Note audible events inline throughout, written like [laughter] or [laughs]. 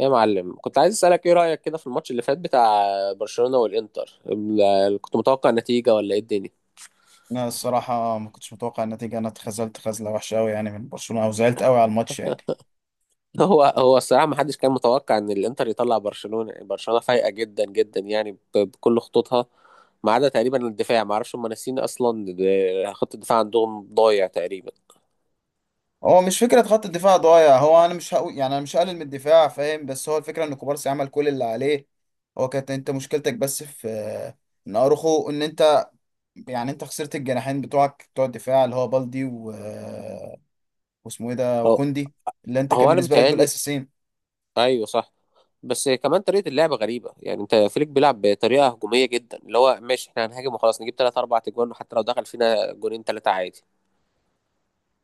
إيه يا معلم، كنت عايز اسالك ايه رايك كده في الماتش اللي فات بتاع برشلونه والانتر. كنت متوقع نتيجه ولا ايه الدنيا؟ انا الصراحه ما كنتش متوقع النتيجه. انا اتخذلت خذله وحشه قوي يعني من برشلونه او زعلت قوي على الماتش يعني. [laughs] هو الصراحه ما حدش كان متوقع ان الانتر يطلع برشلونه. برشلونه فايقه جدا جدا، يعني بكل خطوطها، ما عدا تقريبا الدفاع. ما اعرفش هم ناسيين اصلا، خط الدفاع عندهم ضايع تقريبا. هو مش فكره خط الدفاع ضايع. هو انا مش هقول يعني انا مش هقلل من الدفاع فاهم بس هو الفكره ان كوبارسي عمل كل اللي عليه. هو كانت انت مشكلتك بس في ان اروخو ان انت يعني انت خسرت الجناحين بتوعك بتوع الدفاع اللي هو بالدي واسمه ايه ده هو وكوندي اللي انت كان هو انا بالنسبه لك دول متهيألي، اساسيين. ايوه صح. بس كمان طريقه اللعب غريبه، يعني انت فليك بيلعب بطريقه هجوميه جدا، اللي هو ماشي، احنا هنهاجم وخلاص، نجيب ثلاث اربع اجوان، وحتى لو دخل فينا جونين ثلاثه عادي.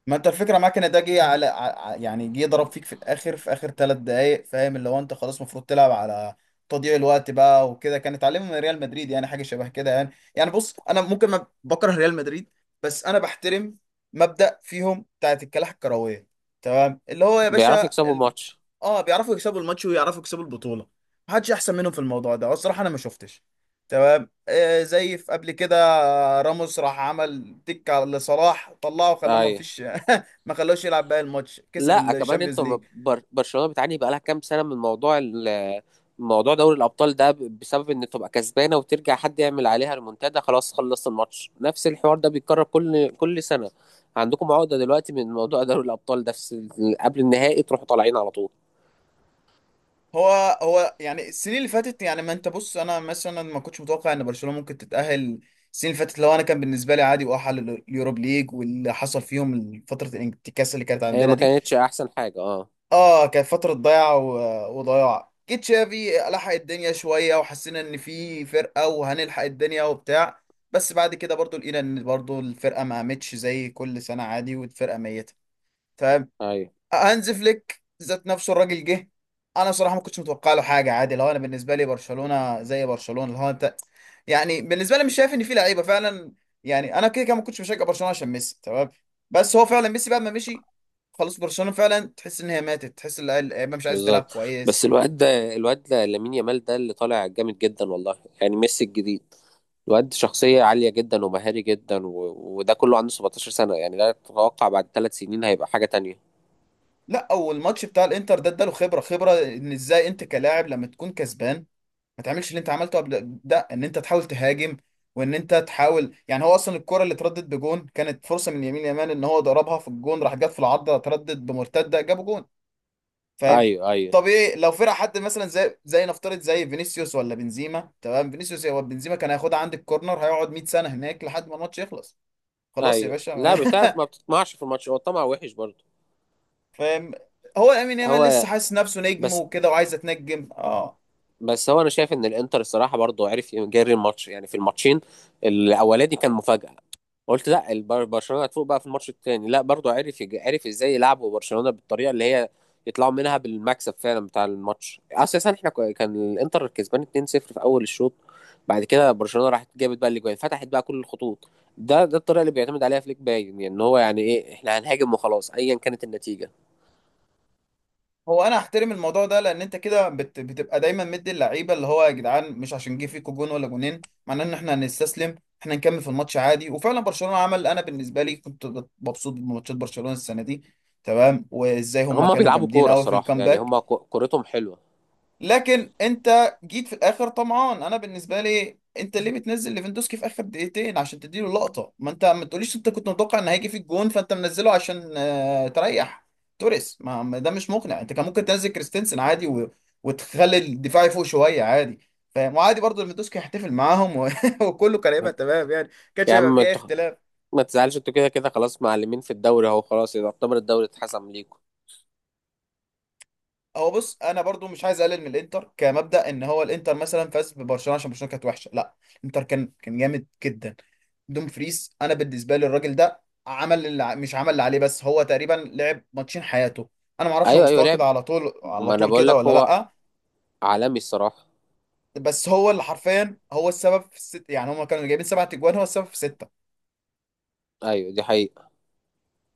ما انت الفكره معاك ان ده جه على ع- يعني جه ضرب فيك في الاخر في اخر ثلاث دقائق فاهم اللي هو انت خلاص المفروض تلعب على تضييع الوقت بقى وكده كان اتعلمه من ريال مدريد يعني حاجه شبه كده يعني. بص انا ممكن ما بكره ريال مدريد بس انا بحترم مبدأ فيهم بتاعت الكلاح الكرويه تمام اللي هو يا بيعرفوا باشا يكسبوا الماتش، اه بيعرفوا يكسبوا الماتش ويعرفوا يكسبوا البطوله. محدش احسن منهم في الموضوع ده والصراحه انا ما شفتش تمام آه زي في قبل كده. راموس راح عمل تك على لصلاح طلعه خلاه ما ايوه. فيش [laughs] ما خلاهوش يلعب باقي الماتش كسب لا كمان الشامبيونز انتوا ليج. برشلونه بتعاني بقالها كام سنه من موضوع موضوع دوري الابطال ده، بسبب ان تبقى كسبانه وترجع حد يعمل عليها ريمونتادا، خلاص خلصت الماتش. نفس الحوار ده بيتكرر كل سنه. عندكم عقده دلوقتي من موضوع دوري الابطال ده، قبل النهائي تروحوا طالعين على طول. هو يعني السنين اللي فاتت يعني ما انت بص انا مثلا ما كنتش متوقع ان برشلونة ممكن تتأهل السنين اللي فاتت لو انا كان بالنسبه لي عادي واحل اليوروب ليج واللي حصل فيهم فتره الانتكاسه اللي كانت هي عندنا ما دي. كانتش احسن حاجه، اه. اه كانت فترة ضياع وضياع جيت شافي لحق الدنيا شوية وحسينا ان في فرقة وهنلحق الدنيا وبتاع. بس بعد كده برضو لقينا ان برضو الفرقة ما قامتش زي كل سنة عادي والفرقة ميتة. ايوه هانز فليك ذات نفسه الراجل جه. انا صراحه ما كنتش متوقع له حاجه عادي لو انا بالنسبه لي برشلونه زي برشلونه اللي هو انت يعني بالنسبه لي مش شايف ان في لعيبه فعلا. يعني انا كده كده ما كنتش بشجع برشلونه عشان ميسي تمام. بس هو فعلا ميسي بعد ما مشي خلاص برشلونه فعلا تحس ان هي ماتت تحس ان اللعيبه مش عايزه تلعب بالظبط. بس كويس. الواد ده لامين يامال ده اللي طالع جامد جدا والله. يعني ميسي الجديد. الواد شخصية عالية جدا ومهاري جدا، وده كله عنده 17 سنة. يعني لا تتوقع بعد 3 سنين هيبقى حاجة تانية. لا اول ماتش بتاع الانتر ده اداله خبره خبره ان ازاي انت كلاعب لما تكون كسبان ما تعملش اللي انت عملته قبل ده ان انت تحاول تهاجم وان انت تحاول يعني هو اصلا الكرة اللي اتردت بجون كانت فرصة من يمين يمان ان هو ضربها في الجون راح جت في العارضة اتردت بمرتدة جابوا جون. فاهم ايوه ايوه طبيعي لو فرق حد مثلا زي نفترض زي فينيسيوس ولا بنزيما تمام فينيسيوس هو بنزيما كان هياخدها عند الكورنر هيقعد 100 سنة هناك لحد ما الماتش يخلص. خلاص يا ايوه، باشا [laughs] لا بتعرف ما بتطمعش في الماتش، هو الطمع وحش برضه. فاهم هو لامين يامال لسه هو حاسس نفسه نجم بس وكده وعايز اتنجم اه. بس هو انا شايف ان الانتر الصراحة برضه عرف يجري الماتش، يعني في الماتشين الاولاني كان مفاجأة. قلت لا، برشلونه هتفوق بقى في الماتش التاني. لا برضو عرف عرف ازاي يلعبوا برشلونه بالطريقه اللي هي يطلعوا منها بالمكسب. فعلا بتاع الماتش اساسا، كان الانتر كسبان 2-0 في اول الشوط. بعد كده برشلونه راحت جابت بقى الاجوان، فتحت بقى كل الخطوط. ده الطريقه اللي بيعتمد عليها فليك، باين يعني ان هو يعني ايه احنا هنهاجم وخلاص ايا كانت النتيجه. هو انا احترم الموضوع ده لان انت كده بتبقى دايما مدي اللعيبه اللي هو يا جدعان مش عشان جه فيكوا جون ولا جونين معناه ان احنا هنستسلم. احنا نكمل في الماتش عادي وفعلا برشلونه عمل انا بالنسبه لي كنت مبسوط بماتشات برشلونه السنه دي تمام وازاي هم هما كانوا بيلعبوا جامدين كوره قوي في الصراحه، يعني الكامباك. هما كورتهم حلوه. لكن انت جيت في الاخر طمعان انا بالنسبه لي انت ليه بتنزل ليفاندوسكي في اخر دقيقتين عشان تديله اللقطه ما انت ما تقوليش انت كنت متوقع ان هيجي فيك جون فانت منزله عشان تريح توريس ما ده مش مقنع انت كان ممكن تنزل كريستنسن عادي وتخلي الدفاع يفوق شويه عادي. فاهم وعادي برضه ليفاندوسكي هيحتفل معاهم [laughs] وكله كان هيبقى تمام يعني ما كانش يا هيبقى عم فيه اي انت، اختلاف. ما تزعلش، انتوا كده كده خلاص معلمين في الدوري اهو، خلاص يعتبر الدوري اتحسم ليكم. هو بص انا برضو مش عايز اقلل من الانتر كمبدا ان هو الانتر مثلا فاز ببرشلونه عشان برشلونه كانت وحشه لا. الانتر كان جامد جدا. دوم فريز انا بالنسبه لي الراجل ده عمل اللي ع- مش عمل اللي عليه بس هو تقريبا لعب ماتشين حياته. انا ما اعرفش هو ايوه ايوه، مستواه كده لعب. على طول على ما انا طول بقول كده لك ولا هو لا. عالمي الصراحه. بس هو اللي حرفيا هو السبب في الست يعني هم كانوا جايبين سبعة اجوان هو السبب في سته. ايوه دي حقيقه.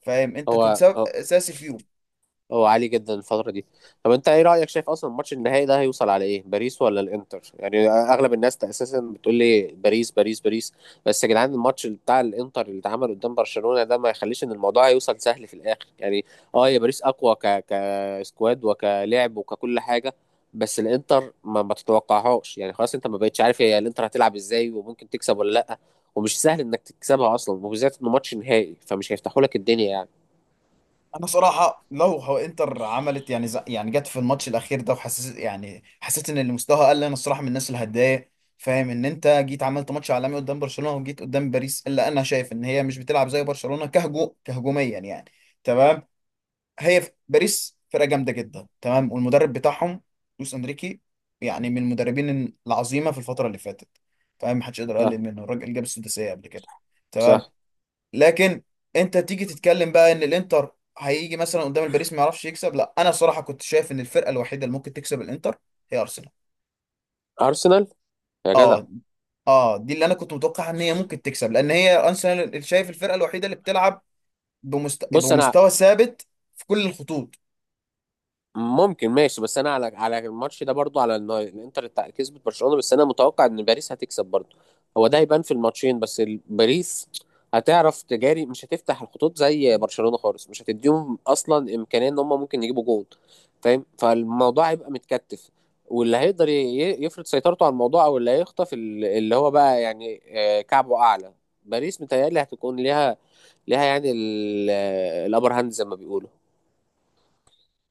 فاهم انت كنت سبب هو اساسي فيهم. هو عالي جدا الفترة دي. طب انت ايه رأيك، شايف اصلا الماتش النهائي ده هيوصل على ايه، باريس ولا الانتر؟ يعني اغلب الناس اساسا بتقول لي باريس باريس باريس، بس يا جدعان الماتش بتاع الانتر اللي اتعمل قدام برشلونة ده ما يخليش ان الموضوع هيوصل سهل في الاخر يعني. اه، يا باريس اقوى كسكواد وكلعب وككل حاجة، بس الانتر ما تتوقعهاش، يعني خلاص انت ما بقتش عارف هي الانتر هتلعب ازاي وممكن تكسب ولا لا. ومش سهل انك تكسبها اصلا، وبالذات انه ماتش نهائي، فمش هيفتحوا لك الدنيا يعني. انا صراحه لو هو انتر عملت يعني جت في الماتش الاخير ده وحسيت يعني حسيت ان اللي مستواها قل انا الصراحه من الناس اللي هتضايق. فاهم ان انت جيت عملت ماتش عالمي قدام برشلونه وجيت قدام باريس الا انا شايف ان هي مش بتلعب زي برشلونه كهجوميا يعني. تمام باريس فرقه جامده جدا تمام والمدرب بتاعهم لويس انريكي يعني من المدربين العظيمه في الفتره اللي فاتت. فاهم محدش يقدر صح يقلل منه الراجل جاب السداسيه قبل كده صح. تمام. لكن انت تيجي تتكلم بقى ان الانتر هيجي مثلا قدام الباريس ما يعرفش يكسب لا انا صراحة كنت شايف ان الفرقة الوحيدة اللي ممكن تكسب الانتر هي ارسنال. ارسنال، يا جدع. اه اه دي اللي انا كنت متوقع ان هي ممكن تكسب لان هي ارسنال اللي شايف الفرقة الوحيدة اللي بتلعب بص انا، بمستوى ثابت في كل الخطوط. ممكن ماشي، بس انا على الماتش ده برضو، على إن الانتر كسبت برشلونة، بس انا متوقع ان باريس هتكسب برضو. هو ده هيبان في الماتشين. بس باريس هتعرف تجاري، مش هتفتح الخطوط زي برشلونة خالص، مش هتديهم اصلا امكانية ان هم ممكن يجيبوا جول، فاهم. فالموضوع هيبقى متكتف. واللي هيقدر يفرض سيطرته على الموضوع، او اللي هيخطف اللي هو بقى، يعني كعبه اعلى. باريس متهيألي هتكون ليها يعني الابر هاند زي ما بيقولوا.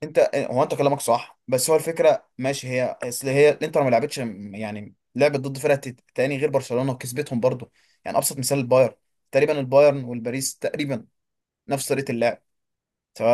انت هو انت كلامك صح بس هو الفكرة ماشي هي اصل هي الانتر ما لعبتش يعني لعبت ضد فرقة تاني غير برشلونة وكسبتهم برضو. يعني ابسط مثال البايرن تقريبا البايرن والباريس تقريبا نفس طريقة اللعب.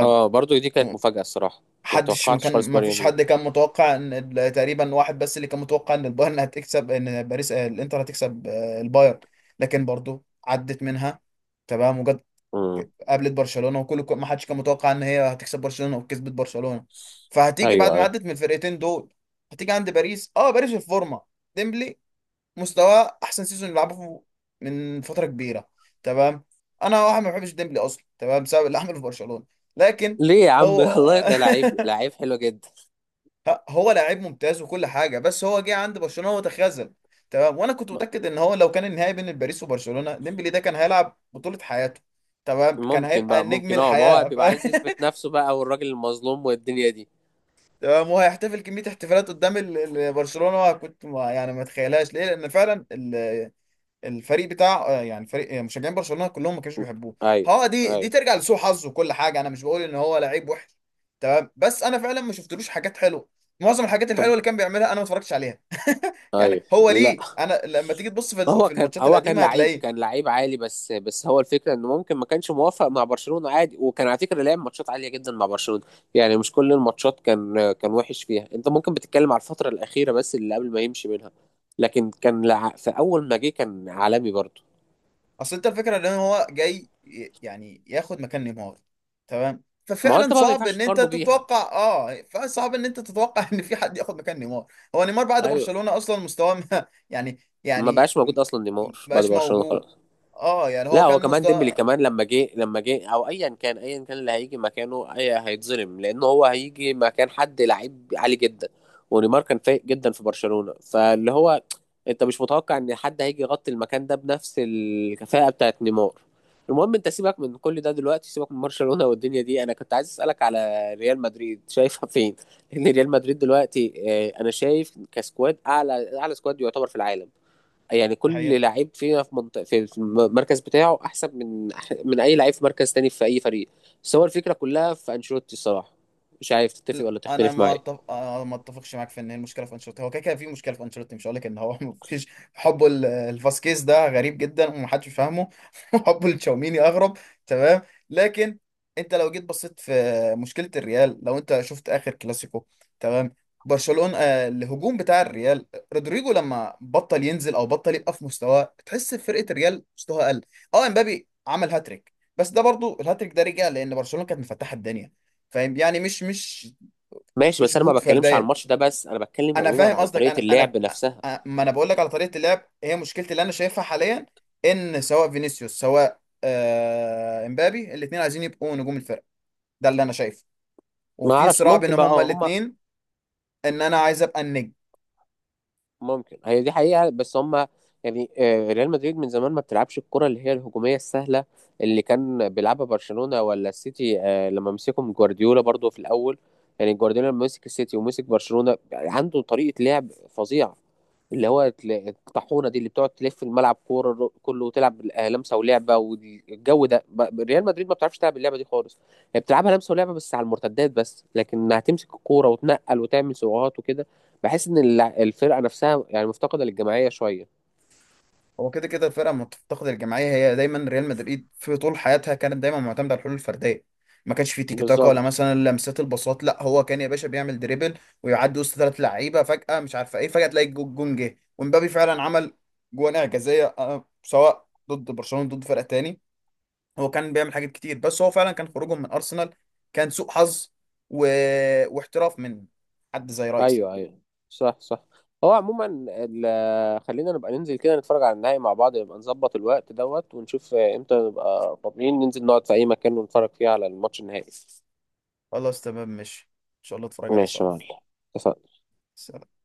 اه، برضو دي كانت مفاجأة الصراحة، ما محدش ما توقعتش كان خالص ما فيش ماريانو ده. حد كان متوقع ان تقريبا واحد بس اللي كان متوقع ان البايرن هتكسب ان باريس الانتر هتكسب البايرن. لكن برضو عدت منها تمام وجت امم قابلت برشلونة وكل ما حدش كان متوقع ان هي هتكسب برشلونة وكسبت برشلونة. فهتيجي ايوه بعد ما ايوه. عدت من الفرقتين دول هتيجي عند باريس اه باريس في الفورمة. ديمبلي مستواه احسن سيزون يلعبه من فترة كبيرة تمام. انا واحد ما بحبش ديمبلي اصلا تمام بسبب اللي عمله في برشلونة. لكن ليه يا عم؟ [laughs] هو والله ده لعيب، [laughs] لعيب حلو جدا. هو لعيب ممتاز وكل حاجه بس هو جه عند برشلونه وتخاذل تمام. وانا كنت م- متاكد ان هو لو كان النهائي بين باريس وبرشلونه ديمبلي ده كان هيلعب بطوله حياته تمام كان ممكن هيبقى بقى، نجم ممكن، اه، ما هو الحياه [laughs] بيبقى عايز يثبت نفسه بقى، والراجل المظلوم والدنيا دي. تمام. وهيحتفل كميه احتفالات قدام برشلونه كنت ما يعني ما اتخيلهاش ليه لان فعلا الفريق بتاع يعني فريق مشجعين برشلونة كلهم ما كانوش بيحبوه. ايوه هو دي ايوه. ترجع لسوء حظه وكل حاجة انا مش بقول ان هو لعيب وحش تمام. بس انا فعلا ما شفتلوش حاجات حلوة. معظم الحاجات الحلوة طب اللي كان بيعملها انا ما اتفرجتش عليها [laughs] ايوه، يعني هو لا ليه انا لما تيجي تبص في هو في كان الماتشات هو كان القديمة لعيب، هتلاقيه. كان لعيب عالي. بس هو الفكره انه ممكن ما كانش موافق مع برشلونه عادي، وكان على فكره لعب ماتشات عاليه جدا مع برشلونه. يعني مش كل الماتشات كان وحش فيها. انت ممكن بتتكلم على الفتره الاخيره بس، اللي قبل ما يمشي منها. لكن كان في اول ما جه كان عالمي برضه. اصل انت الفكره ان هو جاي يعني ياخد مكان نيمار تمام. ما هو ففعلا انت بقى ما صعب ينفعش ان انت تقارنه بيها. تتوقع اه فصعب ان انت تتوقع [laughs] ان في حد ياخد مكان نيمار. هو نيمار بعد ايوه، برشلونه اصلا مستواه ما- [laughs] يعني ما يعني بقاش موجود اصلا نيمار بعد مبقاش برشلونه موجود خلاص. اه يعني هو لا هو كان كمان ديمبلي، مستوى. كمان لما جه او ايا كان، ايا كان اللي هيجي مكانه اي هيتظلم، لان هو هيجي مكان حد لعيب عالي جدا. ونيمار كان فايق جدا في برشلونة، فاللي هو انت مش متوقع ان حد هيجي يغطي المكان ده بنفس الكفاءة بتاعت نيمار. المهم انت سيبك من كل ده دلوقتي، سيبك من برشلونة والدنيا دي. انا كنت عايز اسالك على ريال مدريد شايفها فين [laughs] لان ريال مدريد دلوقتي انا شايف كسكواد اعلى سكواد يعتبر في العالم. يعني كل لعيب فينا في منطقة، في المركز بتاعه احسن من اي لعيب في مركز تاني في اي فريق. بس هو الفكره كلها في انشيلوتي الصراحه، مش عارف تتفق ولا انا تختلف ما معايا. أتف... آه، ما اتفقش معاك في ان هي المشكله في انشيلوتي هو كده كده في مشكله في انشيلوتي مش هقول لك ان هو [laughs] ما فيش. حبه لفاسكيز ده غريب جدا ومحدش فاهمه [laughs] حبه لتشاوميني اغرب تمام. لكن انت لو جيت بصيت في مشكله الريال لو انت شفت اخر كلاسيكو تمام. برشلونه الهجوم بتاع الريال رودريجو لما بطل ينزل او بطل يبقى في مستواه تحس فرقه الريال مستواها قل. اه امبابي عمل هاتريك بس ده برضو الهاتريك ده رجع لان برشلونه كانت مفتحه الدنيا. فاهم يعني ماشي، مش بس انا ما جهود بتكلمش على فرديه. الماتش ده بس، انا بتكلم انا عموما فاهم على قصدك طريقه انا انا اللعب نفسها. ما انا بقول لك على طريقه اللعب هي مشكلتي اللي انا شايفها حاليا. ان سواء فينيسيوس سواء امبابي الاثنين عايزين يبقوا نجوم الفرقه. ده اللي انا شايفه ما وفي اعرفش، صراع ممكن بينهم بقى، هما اه هم. الاثنين ان انا عايز ابقى النجم. ممكن هي دي حقيقة، بس هم يعني ريال مدريد من زمان ما بتلعبش الكرة اللي هي الهجومية السهلة اللي كان بيلعبها برشلونة ولا السيتي، لما مسكهم جوارديولا برضو في الأول. يعني جوارديولا لما مسك السيتي ومسك برشلونة عنده طريقة لعب فظيعة، اللي هو الطاحونة دي اللي بتقعد تلف الملعب كورة كله وتلعب لمسة ولعبة والجو ده. ريال مدريد ما بتعرفش تلعب اللعبة دي خالص. هي بتلعبها لمسة ولعبة بس على المرتدات بس، لكن هتمسك الكورة وتنقل وتعمل سرعات وكده. بحس ان الفرقه نفسها يعني مفتقده للجماعيه شويه. هو كده كده الفرقه لما بتفتقد الجماعيه هي دايما ريال مدريد في طول حياتها كانت دايما معتمده على الحلول الفرديه. ما كانش في تيكي تاكا ولا بالظبط. مثلا لمسات البساط لا هو كان يا باشا بيعمل دريبل ويعدي وسط ثلاث لعيبه فجاه مش عارفه ايه فجاه تلاقي الجون جه ومبابي فعلا عمل جوان اعجازيه سواء ضد برشلونه ضد فرقه تاني. هو كان بيعمل حاجات كتير بس هو فعلا كان خروجهم من ارسنال كان سوء حظ و... واحتراف من حد زي رايسي. ايوه ايوه، صح صح. هو عموما، خلينا نبقى ننزل كده نتفرج على النهائي مع بعض، نبقى نظبط الوقت دوت ونشوف امتى نبقى فاضيين ننزل نقعد في اي مكان ونتفرج فيه على الماتش النهائي. خلاص تمام ماشي ان شاء الله اتفرج عليه ماشي سوا. يا معلم، اتفقنا. سلام.